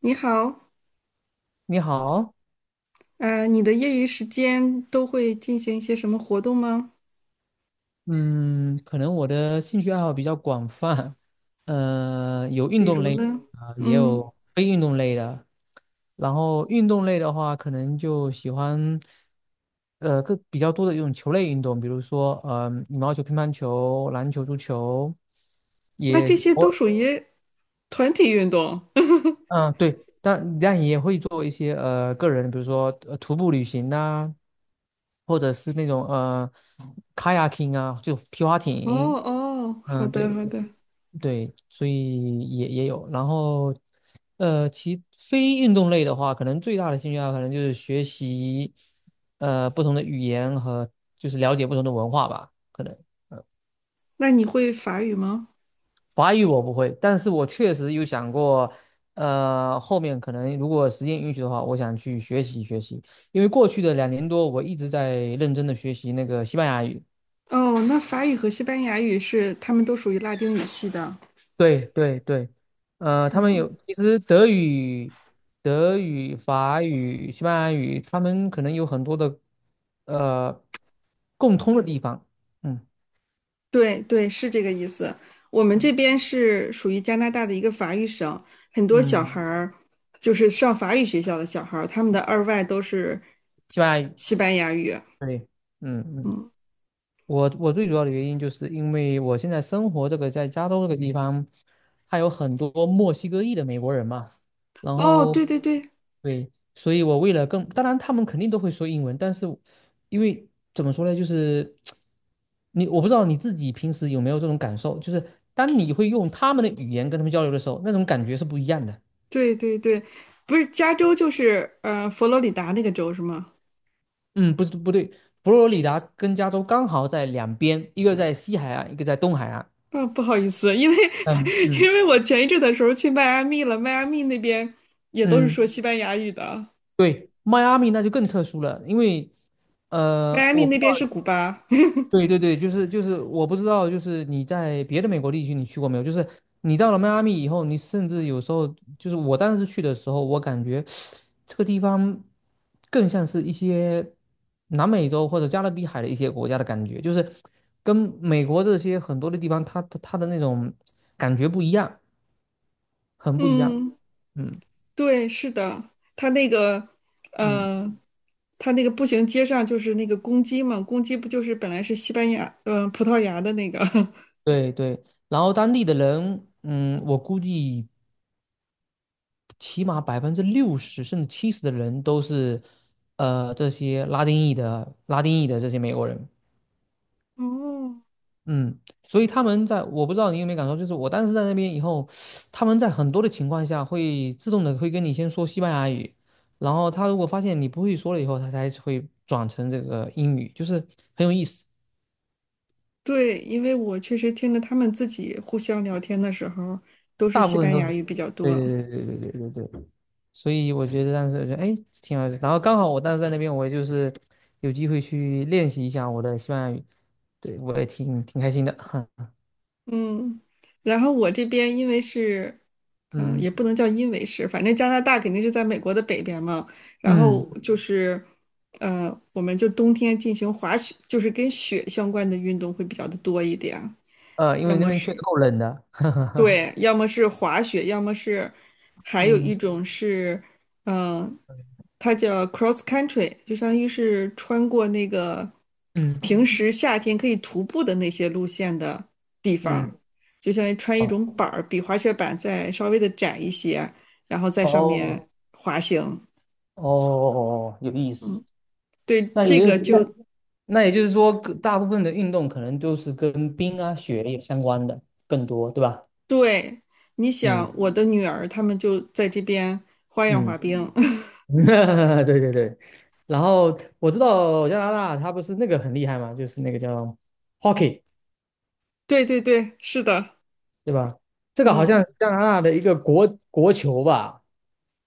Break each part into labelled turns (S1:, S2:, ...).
S1: 你好，
S2: 你好，
S1: 你的业余时间都会进行一些什么活动吗？
S2: 嗯，可能我的兴趣爱好比较广泛，有运
S1: 比
S2: 动
S1: 如
S2: 类的
S1: 呢？
S2: 啊，也
S1: 嗯，
S2: 有非运动类的。然后运动类的话，可能就喜欢，更比较多的一种球类运动，比如说，羽毛球、乒乓球、篮球、足球，
S1: 那
S2: 也
S1: 这些都
S2: 我，
S1: 属于团体运动。
S2: 嗯，对，但也会做一些个人，比如说徒步旅行呐、或者是那种kayaking 啊，就皮划
S1: 哦
S2: 艇，
S1: 哦，好
S2: 嗯，
S1: 的
S2: 对。
S1: 好的。
S2: 对，所以也有。然后，其非运动类的话，可能最大的兴趣爱好可能就是学习，不同的语言和就是了解不同的文化吧。可能
S1: 那你会法语吗？
S2: 法语我不会，但是我确实有想过，后面可能如果时间允许的话，我想去学习学习。因为过去的2年多，我一直在认真的学习那个西班牙语。
S1: 哦，那法语和西班牙语是，他们都属于拉丁语系的。
S2: 对对对，他们
S1: 嗯，
S2: 有，其实德语、法语、西班牙语，他们可能有很多的呃共通的地方。嗯
S1: 对对，是这个意思。我们
S2: 嗯
S1: 这边是属于加拿大的一个法语省，很多小孩
S2: 嗯，
S1: 儿就是上法语学校的小孩儿，他们的二外都是
S2: 西班牙语，
S1: 西班牙语。
S2: 对，嗯嗯，
S1: 嗯。
S2: 我最主要的原因就是因为我现在生活这个在加州这个地方。还有很多墨西哥裔的美国人嘛，然
S1: 哦，
S2: 后
S1: 对对对
S2: 对，所以我为了更，当然他们肯定都会说英文，但是因为怎么说呢，就是我不知道你自己平时有没有这种感受，就是当你会用他们的语言跟他们交流的时候，那种感觉是不一样的。
S1: 对对对，不是加州就是佛罗里达那个州是吗？
S2: 嗯，不对，佛罗里达跟加州刚好在两边，一个在西海岸，一个在东海岸。
S1: 啊、不好意思，因为
S2: 嗯 嗯
S1: 因为我前一阵的时候去迈阿密了，迈阿密那边也都是
S2: 嗯，
S1: 说西班牙语的，
S2: 对，迈阿密那就更特殊了，因为呃，
S1: 迈阿密
S2: 我
S1: 那边是古巴。
S2: 对对对，就是，我不知道，就是你在别的美国地区你去过没有？就是你到了迈阿密以后，你甚至有时候就是我当时去的时候，我感觉这个地方更像是一些南美洲或者加勒比海的一些国家的感觉，就是跟美国这些很多的地方，它的那种感觉不一样，很不一样。
S1: 嗯，
S2: 嗯
S1: 对，是的，他那个，
S2: 嗯，
S1: 呃，他那个步行街上就是那个公鸡嘛，公鸡不就是本来是西班牙，嗯，葡萄牙的那个？
S2: 对对。然后当地的人，我估计。起码60%甚至70的人都是，这些拉丁裔的这些美国人，
S1: 哦，
S2: 嗯，所以他们在我不知道你有没有感受，就是我当时在那边以后，他们在很多的情况下会自动的会跟你先说西班牙语，然后他如果发现你不会说了以后，他才会转成这个英语，就是很有意思，
S1: 对，因为我确实听着他们自己互相聊天的时候，都是
S2: 大
S1: 西
S2: 部分
S1: 班
S2: 都，
S1: 牙语比较
S2: 对
S1: 多。
S2: 对对对对对对对。所以我觉得哎挺好的，然后刚好我当时在那边，我也就是有机会去练习一下我的西班牙语，对我也挺开心的，
S1: 嗯，然后我这边因为是，嗯、
S2: 嗯
S1: 也不能叫因为是，反正加拿大肯定是在美国的北边嘛。然
S2: 嗯
S1: 后就是，我们就冬天进行滑雪，就是跟雪相关的运动会比较的多一点，
S2: 因
S1: 要
S2: 为那
S1: 么
S2: 边确实
S1: 是
S2: 够冷的，
S1: 对，要么是滑雪，要么是还有一
S2: 嗯
S1: 种是，嗯、它叫 cross country，就相当于是穿过那个
S2: 嗯
S1: 平时夏天可以徒步的那些路线的，
S2: 嗯，
S1: 就相当于穿一
S2: 哦
S1: 种板儿，比滑雪板再稍微的窄一些，然后在上
S2: 哦
S1: 面滑行。
S2: 哦，哦有意思。
S1: 嗯，对，
S2: 那
S1: 这
S2: 也就
S1: 个
S2: 是那
S1: 就嗯
S2: 那也就是说，各大部分的运动可能都是跟冰啊雪也相关的更多，对吧？
S1: 对。你
S2: 嗯
S1: 想，我的女儿她们就在这边花样滑
S2: 嗯。
S1: 冰。
S2: 对对对，然后我知道加拿大它不是那个很厉害嘛，就是那个叫 hockey，
S1: 对对对，是的，
S2: 对吧？这个好像
S1: 嗯。
S2: 是加拿大的一个国球吧？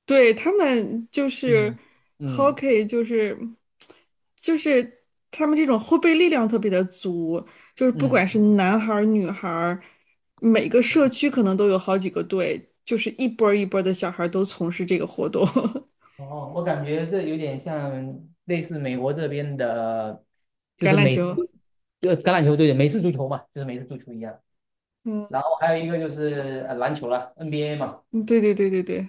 S1: 对，他们就是
S2: 嗯嗯
S1: hockey，就是他们这种后备力量特别的足，就是不管是
S2: 嗯。
S1: 男孩儿女孩儿，每个社区可能都有好几个队，就是一波儿一波儿的小孩儿都从事这个活动，
S2: 哦，我感觉这有点像类似美国这边的，就
S1: 橄
S2: 是
S1: 榄
S2: 美式
S1: 球。
S2: 就橄榄球队的美式足球嘛，就是美式足球一样。
S1: 嗯，
S2: 然后还有一个就是篮球了，NBA 嘛，
S1: 嗯对对对对对，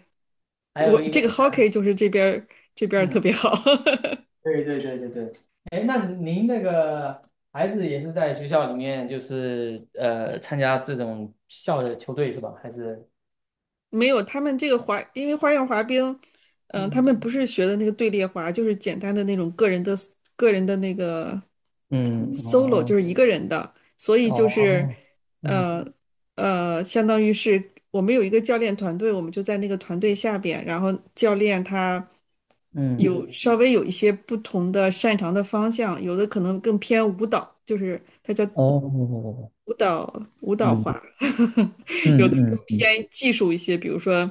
S2: 还有
S1: 我
S2: 一个
S1: 这个 hockey 就是这边儿特
S2: 嗯
S1: 别好。
S2: 对对对对对，哎，那您那个孩子也是在学校里面，就是参加这种校的球队是吧？还是
S1: 没有，他们这个滑，因为花样滑冰，嗯、他
S2: 嗯
S1: 们不是学的那个队列滑，就是简单的那种个人的那个
S2: 嗯，
S1: solo，就
S2: 哦
S1: 是一个人的，所以就是，
S2: 哦，嗯
S1: 呃相当于是我们有一个教练团队，我们就在那个团队下边，然后教练他
S2: 嗯
S1: 有稍微有一些不同的擅长的方向，有的可能更偏舞蹈，就是他叫
S2: 哦，
S1: 舞蹈
S2: 嗯
S1: 滑，
S2: 嗯嗯嗯
S1: 偏技术一些，比如说，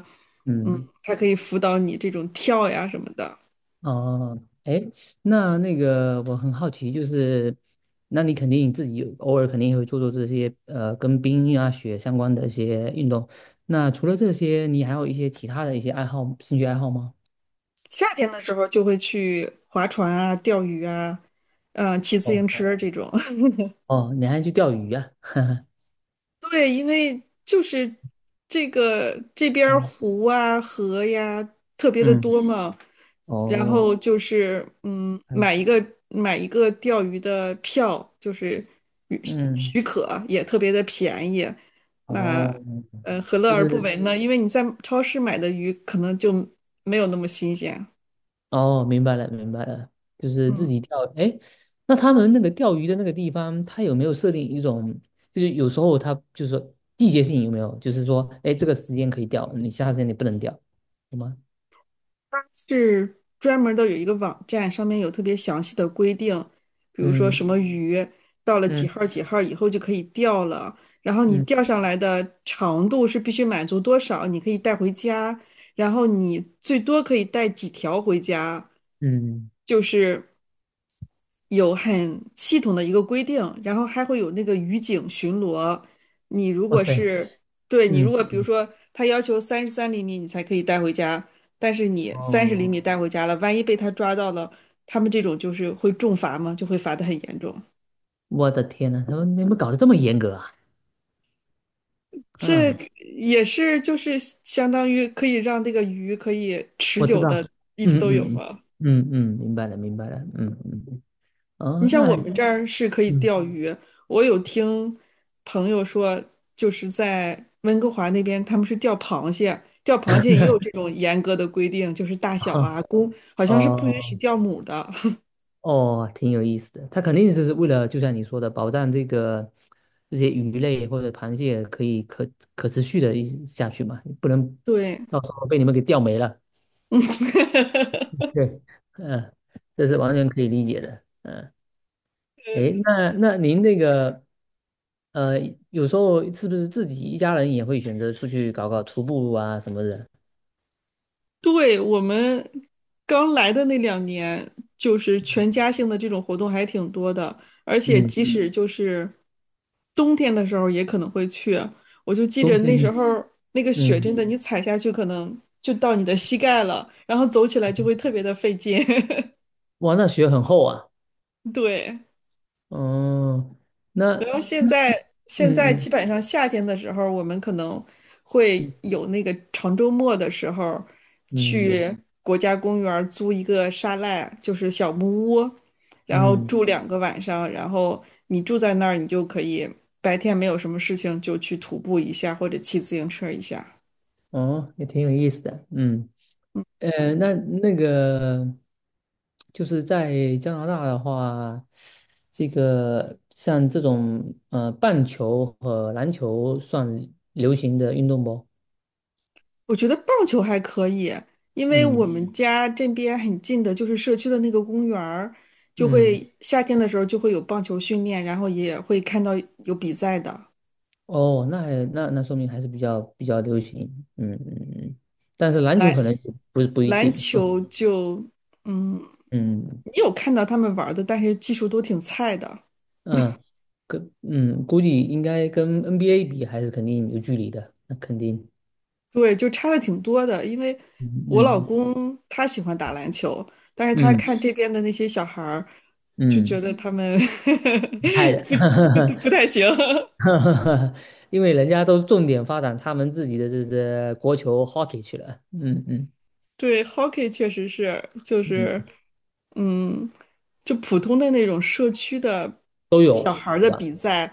S1: 嗯，
S2: 嗯，
S1: 它可以辅导你这种跳呀什么的。
S2: 哦，哎，那那个我很好奇，就是那你肯定自己偶尔肯定也会做做这些跟冰啊雪相关的一些运动，那除了这些，你还有一些其他的一些爱好、兴趣爱好吗？
S1: 夏天的时候就会去划船啊、钓鱼啊，嗯、骑自
S2: 哦
S1: 行车这种。
S2: 哦，你还去钓鱼呀、
S1: 对，因为就是这个这边儿
S2: 嗯
S1: 湖啊、河呀特别的
S2: 嗯，
S1: 多嗯嘛，然
S2: 哦，
S1: 后就是嗯，
S2: 嗯
S1: 买一个钓鱼的票，就是许
S2: 嗯，
S1: 许可也特别的便宜。那
S2: 哦，
S1: 何乐
S2: 就
S1: 而不
S2: 是
S1: 为呢？因为你在超市买的鱼可能就没有那么新鲜。
S2: 哦，明白了明白了，就是
S1: 嗯。
S2: 自己钓。哎，那他们那个钓鱼的那个地方，他有没有设定一种，就是有时候他就是说季节性有没有，就是说，哎，这个时间可以钓，你其他时间你不能钓，有吗？
S1: 是专门的有一个网站，上面有特别详细的规定，比如说
S2: 嗯
S1: 什么鱼到了几
S2: 嗯
S1: 号儿几号儿以后就可以钓了，然后你
S2: 嗯
S1: 钓上来的长度是必须满足多少，你可以带回家，然后你最多可以带几条回家，
S2: 嗯，
S1: 就是。有很系统的一个规定，然后还会有那个渔警巡逻。你如
S2: 哇
S1: 果
S2: 塞，
S1: 是，对，你如
S2: 嗯
S1: 果比如
S2: 嗯，
S1: 说他要求33厘米你才可以带回家，但是你三十厘
S2: 哦，
S1: 米带回家了，万一被他抓到了，他们这种就是会重罚嘛，就会罚的很严重。
S2: 我的天呐，你们搞得这么严格啊？
S1: 这
S2: 嗯
S1: 嗯也是就是相当于可以让这个鱼可以持
S2: 我知
S1: 久的
S2: 道，
S1: 一直
S2: 嗯
S1: 都有
S2: 嗯嗯
S1: 吗？
S2: 嗯嗯，明白了明白了，嗯嗯，
S1: 你
S2: 哦，那
S1: 像我
S2: 还
S1: 们这儿是可以
S2: 嗯
S1: 钓鱼，我有听朋友说，就是在温哥华那边，他们是钓螃蟹，钓螃蟹也有这种严格的规定，就是大小
S2: 哈
S1: 啊，公好像是不允许
S2: 哦
S1: 钓母的。
S2: 哦，挺有意思的。他肯定是为了，就像你说的，保障这些鱼类或者螃蟹可以可持续的一下去嘛，不能
S1: 对，
S2: 到时候被你们给钓没了。
S1: 嗯，
S2: 对，嗯，这是完全可以理解的。嗯，诶，那您那个呃，有时候是不是自己一家人也会选择出去搞搞徒步啊什么的？
S1: 对，我们刚来的那2年，就是全家性的这种活动还挺多的，而且
S2: 嗯。
S1: 即使嗯就是冬天的时候也可能会去啊。我就记
S2: 冬
S1: 着
S2: 天
S1: 那时
S2: 呢？
S1: 候那个雪
S2: 嗯，
S1: 真的，你踩下去可能就到你的膝盖了，然后走起来就会特别的费劲。
S2: 哇，那雪很厚啊，
S1: 对，
S2: 哦，那，
S1: 然后
S2: 嗯
S1: 现在
S2: 嗯
S1: 基本上夏天的时候，我们可能会
S2: 嗯
S1: 有那个长周末的时候
S2: 嗯
S1: 去国家公园儿租一个沙赖，就是小木屋，然后
S2: 嗯，
S1: 住2个晚上，然后你住在那儿，你就可以白天没有什么事情就去徒步一下或者骑自行车一下。
S2: 哦，也挺有意思的，嗯，那那个就是在加拿大的话，这个像这种棒球和篮球算流行的运动不？
S1: 我觉得棒球还可以，因为我
S2: 嗯
S1: 们嗯家这边很近的，就是社区的那个公园儿，就
S2: 嗯，
S1: 会夏天的时候就会有棒球训练，然后也会看到有比赛的。
S2: 哦，那还那说明还是比较流行，嗯嗯嗯，但是篮球可能不一
S1: 篮
S2: 定，嗯。
S1: 球就，嗯，
S2: 嗯
S1: 你有看到他们玩儿的，但是技术都挺菜的，
S2: 嗯，估计应该跟 NBA 比还是肯定有距离的，那肯定，
S1: 对，就差的挺多的。因为我老
S2: 嗯
S1: 公他喜欢打篮球，但是他
S2: 嗯嗯
S1: 看这嗯边的那些小孩儿，就觉
S2: 嗯，
S1: 得嗯他们
S2: 太的，
S1: 不太行。
S2: 因为人家都重点发展他们自己的这国球 hockey 去了，嗯嗯
S1: 对，hockey 确实是，就
S2: 嗯，
S1: 是。嗯，就普通的那种社区的
S2: 都
S1: 小
S2: 有，
S1: 孩儿的比赛，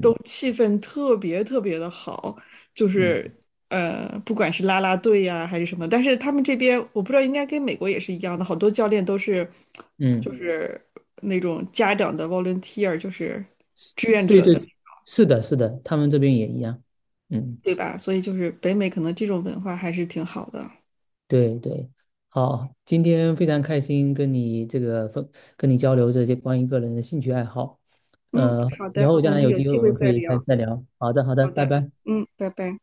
S1: 都气氛特别特别的好，就
S2: 嗯
S1: 是不管是啦啦队呀、还是什么，但是他们这边我不知道，应该跟美国也是一样的，好多教练都是
S2: 嗯，
S1: 就是那种家长的 volunteer，就是
S2: 是
S1: 志愿
S2: 对
S1: 者的，
S2: 对，是的，是的，他们这边也一样，嗯。
S1: 对吧？所以就是北美可能这种文化还是挺好的。
S2: 对对，好，今天非常开心跟你交流这些关于个人的兴趣爱好，
S1: 嗯，好
S2: 以
S1: 的，
S2: 后将
S1: 我
S2: 来
S1: 们
S2: 有
S1: 有
S2: 机会
S1: 机
S2: 我
S1: 会
S2: 们可
S1: 再
S2: 以再
S1: 聊。
S2: 再聊。好的，好的，
S1: 好
S2: 拜
S1: 的，
S2: 拜。
S1: 嗯，拜拜。